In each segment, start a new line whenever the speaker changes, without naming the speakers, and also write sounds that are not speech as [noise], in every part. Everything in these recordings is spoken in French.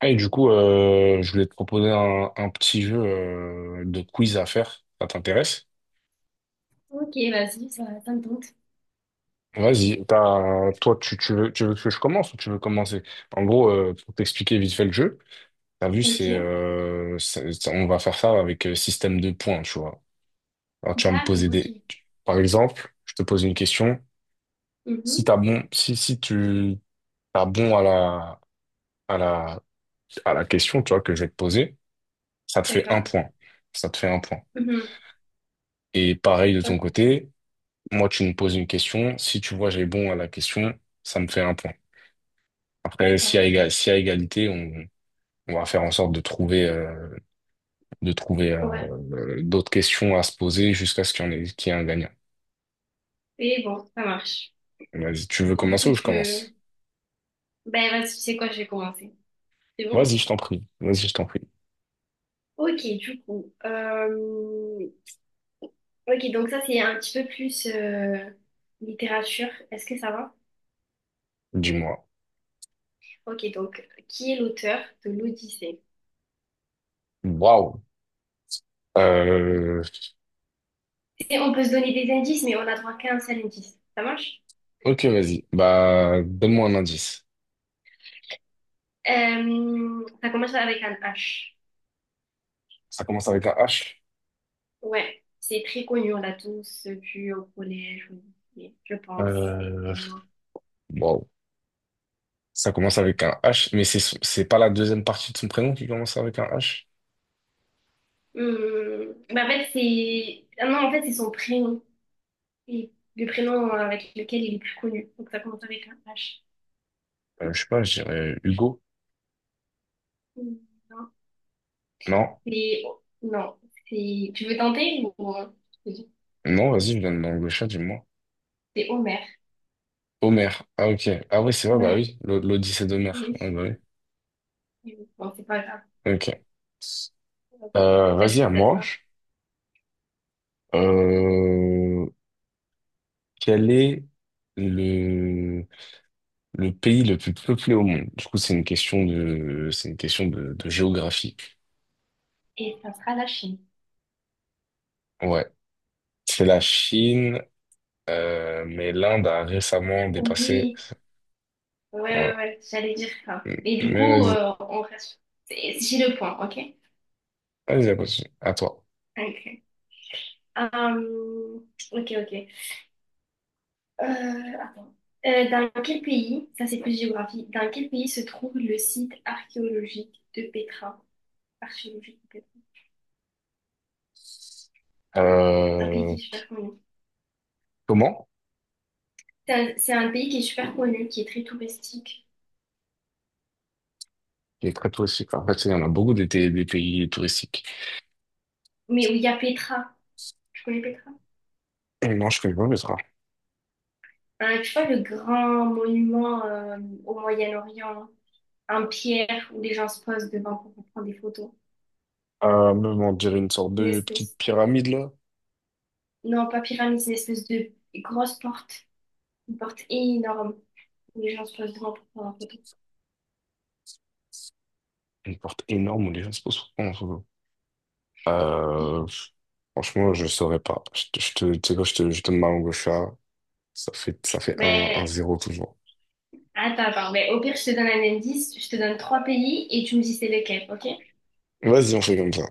Et du coup, je voulais te proposer un petit jeu de quiz à faire. Ça t'intéresse?
Ok, vas-y, ça me tente.
Vas-y. Toi, tu veux que je commence ou tu veux commencer? En gros, pour t'expliquer vite fait le jeu, t'as vu,
Ok,
on va faire ça avec système de points, tu vois. Alors, tu vas me
d'accord,
poser des...
ok.
Par exemple, je te pose une question. Si
Mhm,
t'as bon, si, si tu t'as bon à la, à la question, tu vois, que je vais te poser, ça te fait un
d'accord.
point. Ça te fait un point.
Mhm,
Et pareil de ton
ok,
côté. Moi, tu me poses une question. Si tu vois, j'ai bon à la question, ça me fait un point. Après,
d'accord, ok.
s'il y a égalité, on va faire en sorte de trouver
Ouais,
d'autres questions à se poser jusqu'à ce qu'il y en ait, qu'il y ait un gagnant.
et bon, ça marche.
Vas-y, tu veux
Du
commencer
coup,
ou je
tu veux...
commence?
Ben, vas-y, tu sais quoi, je vais commencer. C'est
Vas-y,
bon?
je t'en prie. Vas-y, je t'en prie.
Ok, du coup. Ok, donc ça, c'est un petit peu plus littérature. Est-ce que ça va?
Dis-moi.
Ok, donc, qui est l'auteur de l'Odyssée?
Waouh. Euh,
Et on peut se donner des indices, mais on a droit qu'à un seul indice. Ça marche?
ok, vas-y. Bah, donne-moi un indice.
Ça commence avec un H.
Ça commence avec un H.
Ouais, c'est très connu, on l'a tous vu au collège, au lycée, je pense,
Euh,
vraiment.
waouh. Ça commence avec un H, mais c'est pas la deuxième partie de son prénom qui commence avec un H?
Bah en fait, c'est... ah non, en fait, c'est son prénom, et le prénom avec lequel il est plus connu. Donc ça commence avec un H.
Je sais pas, je dirais Hugo.
Hum, non,
Non,
c'est... Non, c'est... Tu veux tenter ou... je te dis,
non, vas-y, je donne dans le chat, dis-moi.
c'est Homer.
Homer. Ah, ok. Ah, oui, c'est vrai, bah
Ouais,
oui. L'Odyssée d'Homer. Ah,
oui.
bah oui.
Oui. Bon, c'est pas grave.
Ok.
Bah,
Vas-y,
du
à
coup, ça
moi.
sera.
Euh, quel est le, le pays le plus peuplé au monde? Du coup, c'est une question de géographie.
Et ça sera la Chine.
Ouais. C'est la Chine, mais l'Inde a récemment dépassé.
Oui. Ouais,
Ouais.
ouais, ouais, j'allais dire ça. Et du
Mais
coup,
vas-y,
on reste. J'ai le point, ok?
vas-y, à toi. À toi.
Ok. Hum, ok, ok. Euh, Attends. Dans quel pays, ça c'est plus géographie, dans quel pays se trouve le site archéologique de Petra? Archéologique de Petra. C'est un pays
Euh,
qui est super connu.
comment?
C'est un pays qui est super connu, qui est très touristique,
Il est très touristique. En fait, il y en a beaucoup des pays touristiques.
mais où il y a Petra. Tu connais Petra?
Et non, je connais pas Petra.
Tu vois le grand monument au Moyen-Orient, en pierre où les gens se posent devant pour prendre des photos.
Même, on dirait une sorte
Une
de petite
espèce.
pyramide, là.
Non, pas pyramide, c'est une espèce de grosse porte. Une porte énorme où les gens se posent devant pour prendre en photo.
Une porte énorme où les gens se posent pour prendre en photo. Euh, franchement, je saurais pas. Tu sais quoi, je donne ma langue au chat. Ça fait un
Mais
zéro toujours.
attends. Mais au pire, je te donne un indice. Je te donne trois pays et tu me dis c'est lequel, ok?
Vas-y, on fait comme ça.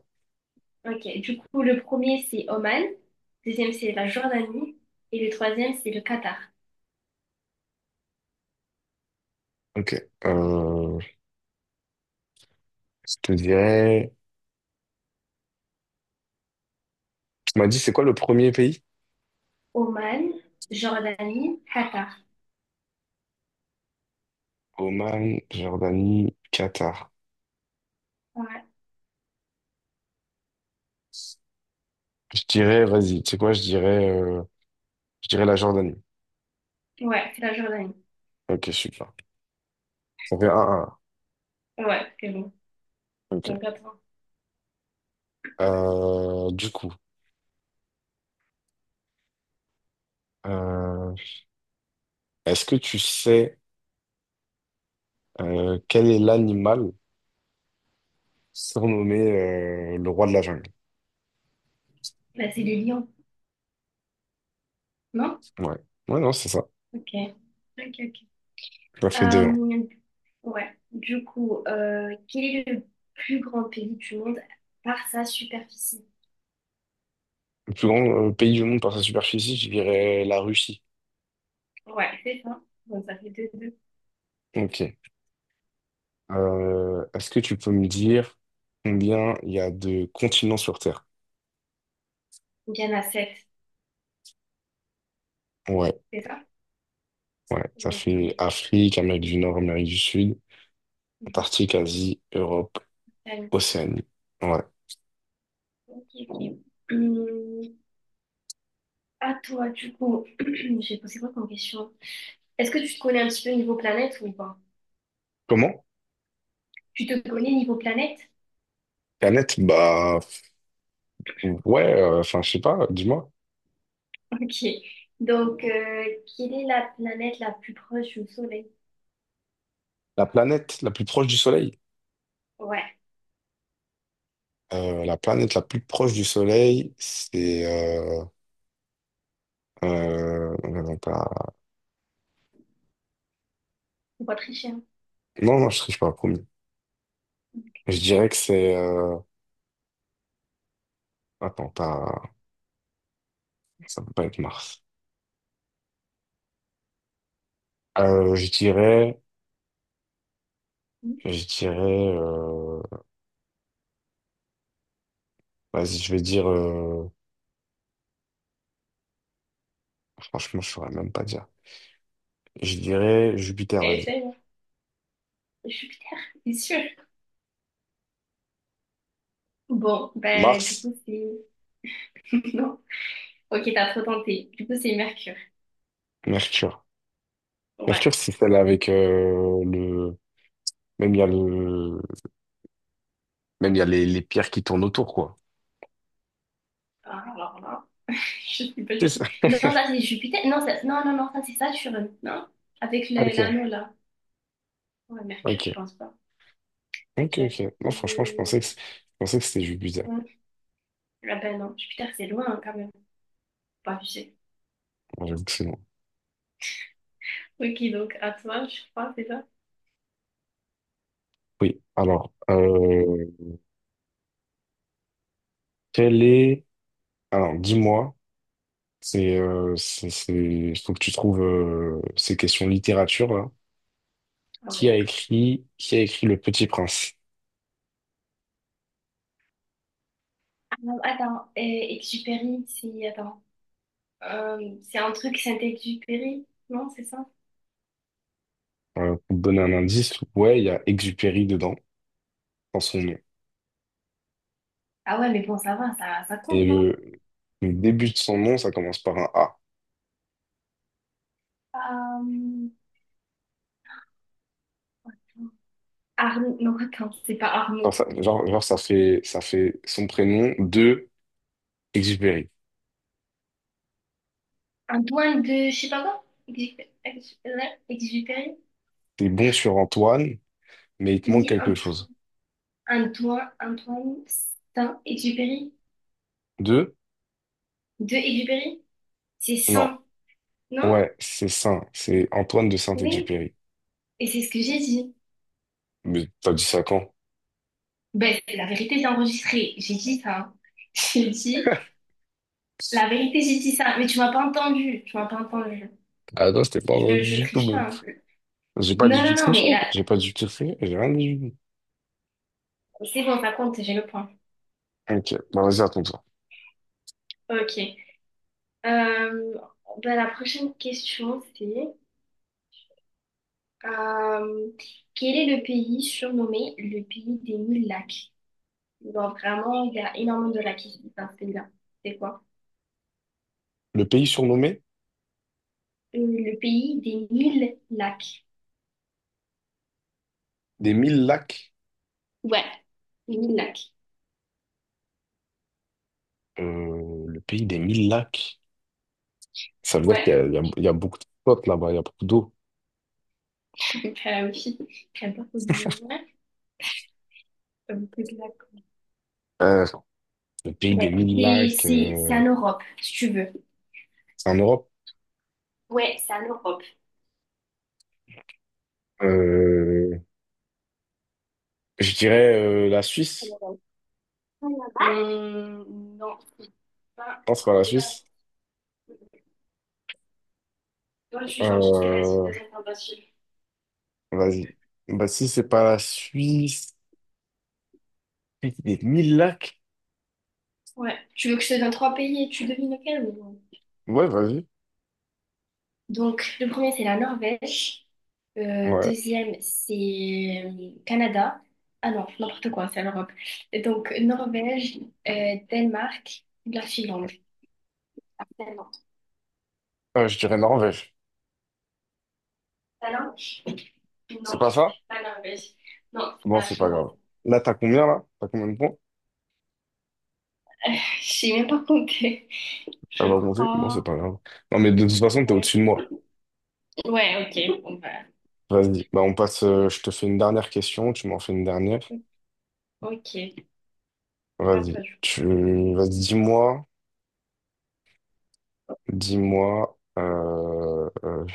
Ok. Du coup, le premier, c'est Oman. Le deuxième, c'est la Jordanie. Et le troisième, c'est le Qatar.
Ok. Euh, je te dirais... Tu m'as dit, c'est quoi le premier pays?
Oman, Jordanie, Qatar.
Oman, Jordanie, Qatar.
Ouais,
Je dirais, vas-y, tu sais quoi, je dirais la Jordanie.
ouais, c'est la Jordanie.
Ok, super. Ça fait 1-1.
Ouais, c'est bon.
Ok.
Donc, attends.
Euh, du coup, euh, est-ce que tu sais quel est l'animal surnommé le roi de la jungle?
Bah, c'est les lions, non?
Ouais. Ouais, non, c'est ça.
Ok. Ok, ok.
Ça fait deux. 1
Euh, ouais, du coup, quel est le plus grand pays du monde par sa superficie?
Le plus grand pays du monde par sa superficie, je dirais la Russie.
Ouais, c'est ça. Donc ça fait deux, deux.
Ok. Est-ce que tu peux me dire combien il y a de continents sur Terre?
Donc il y en a sept,
Ouais,
c'est ça?
ouais. Ça fait
Ok.
Afrique, Amérique du Nord, Amérique du Sud,
Mhm.
Antarctique, Asie, Europe,
Allez.
Océanie. Ouais.
Ok, ok. Hum, à toi, du coup, [clears throat] j'ai posé quoi comme question? Est-ce que tu te connais un petit peu niveau planète ou pas?
Comment?
Tu te connais niveau planète? [laughs]
Planète? Bah, ouais, enfin, je sais pas, dis-moi.
Ok. Donc, quelle est la planète la plus proche du Soleil?
La planète la plus proche du Soleil.
Ouais,
La planète la plus proche du Soleil, c'est... euh, non, pas-
faut pas tricher, hein.
non, non, je triche pas, promis. Je dirais que c'est... attends, pas... ça peut pas être Mars. Euh, je dirais...
Mhm.
Je dirais... euh, Vas-y, je vais dire... Franchement, je saurais même pas dire. Je dirais Jupiter, vas-y.
Essaye, Jupiter, c'est sûr. Bon, bah, du
Mars,
coup, c'est. [laughs] Non. Ok, t'as trop tenté. Du coup, c'est Mercure.
Mercure. Mercure,
Ouais.
si c'est celle avec le... Même il y a le... Même il y a les pierres qui tournent autour, quoi.
Ah, alors là, [laughs] je sais pas
C'est
du tout.
ça.
Non, ça,
[laughs]
c'est Jupiter. Non, ça... non, non, non, ça, c'est Saturne. Non? Avec l'anneau,
Ok,
là. Ouais, Mercure, je
ok,
pense pas. Ok.
ok. Non, franchement,
Hmm.
je pensais que c'était juste bizarre.
Ouais. Ah ben non, Jupiter, c'est loin, hein, quand même. Pas abusé.
Bon, j'avoue que c'est non.
Ok, donc, à toi, je crois, c'est ça?
Oui, alors, quel est... Alors, dis-moi, il faut que tu trouves ces questions littérature, là.
Ah ouais, d'accord.
Qui a écrit Le Petit Prince?
Ah, attends, Exupéry, c'est. Attends. C'est un truc Saint-Exupéry, non, c'est ça?
Pour te donner un indice, ouais, il y a Exupéry dedans, dans son nom.
Ah ouais, mais bon, ça va, ça
Et
compte, non?
le début de son nom, ça commence par un A.
Euh, Arnaud, non, attends, c'est pas
Genre,
Arnaud.
ça, genre, genre, ça fait son prénom de Exupéry.
Un doigt de, je sais pas quoi, Exupéry.
T'es bon sur Antoine, mais il te
Il
manque
dit
quelque chose.
un doigt, Saint Exupéry.
De?
De Exupéry. C'est
Non.
Saint, non?
Ouais, c'est Saint. C'est Antoine de
Oui.
Saint-Exupéry.
Et c'est ce que j'ai dit.
Mais t'as dit ça quand?
Ben, c'est la vérité, c'est enregistré. J'ai dit ça. [laughs] J'ai dit,
[laughs]
la vérité, j'ai dit ça. Mais tu m'as pas entendu. Tu m'as pas entendu.
Ah non, je t'ai pas entendu
Je
du tout,
triche
même.
pas, hein.
J'ai pas dit
Non,
du
non,
tout
non,
triché.
mais là,
J'ai pas du tout j'ai rien dit du tout.
c'est bon, ça compte, j'ai le point.
Ok, bah vas-y, raconte-toi.
Ok. Euh, Bah, la prochaine question, c'est euh, quel est le pays surnommé le pays des mille lacs? Genre, vraiment, il y a énormément de lacs ici dans ce pays-là. C'est quoi?
Le pays surnommé
Le pays des mille lacs.
des mille lacs.
Ouais, les mille lacs.
Le pays des mille lacs. Ça veut dire qu'il y a,
Ouais,
il y a beaucoup de spots là-bas, il y a beaucoup d'eau.
[laughs] bah oui. J'aime pas trop dire, ouais. C'est que lacs.
Euh, le pays
Ouais.
des mille
C'est
lacs,
c'est en Europe, si tu veux.
c'est en Europe.
Ouais, c'est en Europe.
Euh, je dirais la
En
Suisse.
Europe. Non, c'est pas,
Non, c'est pas la
c'est pas la France.
Suisse.
Ouais, je suis gentille, je te laisse une
Euh,
deuxième tentative.
vas-y. Bah, si c'est pas la Suisse, des mille lacs.
Ouais. Tu veux que je te donne trois pays et tu devines lequel ou-
Ouais, vas-y.
Donc, le premier, c'est la Norvège.
Ouais.
Deuxième, c'est Canada. Ah non, n'importe quoi, c'est l'Europe. Et donc, Norvège, Danemark, la Finlande. Ah, Finlande.
Je dirais Norvège.
La langue?
C'est
Non,
pas ça?
la Norvège. Non,
Bon,
la
c'est pas
Finlande.
grave. Là? T'as combien de points?
Je sais même pas compter.
Ça
Je
va augmenter? Bon, c'est
crois.
pas grave. Non, mais de toute façon, t'es au-dessus de moi.
Ouais, ok. Bon, bah,
Vas-y. Bah, on passe. Euh, je te fais une dernière question. Tu m'en fais une dernière.
ok. À
Vas-y.
toi, je-
Tu... Vas-y, dis-moi. Dis-moi.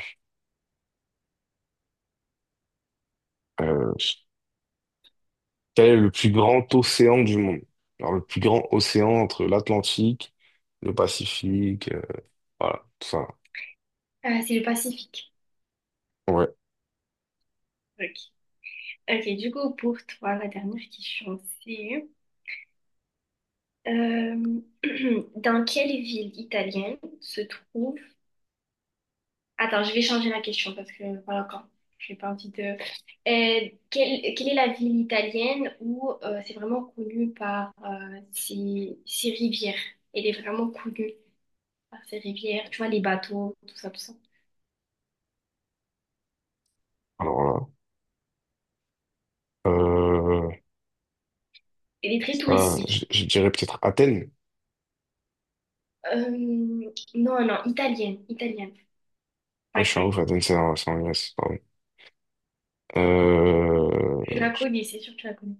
euh, Quel est le plus grand océan du monde? Alors, le plus grand océan entre l'Atlantique, le Pacifique, voilà, tout ça.
C'est le Pacifique.
Ouais,
Ok. Ok, du coup, pour toi, la dernière question, c'est euh, [clears throat] dans quelle ville italienne se trouve... Attends, je vais changer la question parce que, voilà, quand j'ai pas envie de... quelle est la ville italienne où c'est vraiment connu par ses rivières? Elle est vraiment connue par ses rivières, tu vois, les bateaux, tout ça, tout ça.
alors là,
Elle est très
ça,
touristique.
je dirais peut-être Athènes.
Euh, non, non, italienne, italienne,
Ah,
pas
je suis un
grecque.
ouf, Athènes, c'est en Grèce, pardon.
Tu
Euh,
la connais, c'est sûr que tu la connais.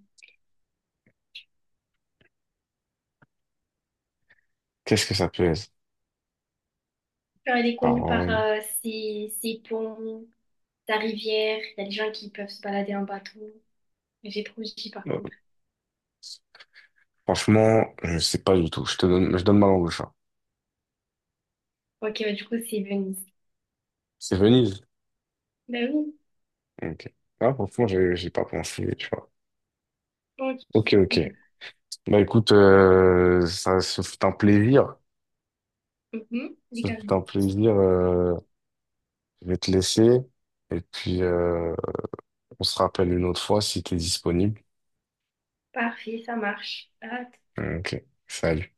qu'est-ce que ça peut être?
Enfin, elle est connue par
Pardon.
ses ponts, sa rivière. Il y a des gens qui peuvent se balader en bateau. Mais j'ai trop dit par
Euh,
contre.
franchement, je sais pas du tout. Je donne ma langue au chat.
Ok, bah, du coup, c'est Venise.
C'est Venise.
Ben oui.
Ok. Ah, franchement, j'ai pas pensé, tu vois.
Ok,
Ok, ok.
bon.
Bah écoute, ça ce fut un plaisir.
Mhm,
Ça fait un
légalement.
plaisir. Euh, je vais te laisser. Et puis, on se rappelle une autre fois si tu es disponible.
Parfait, ça marche. Ah,
Ok, salut.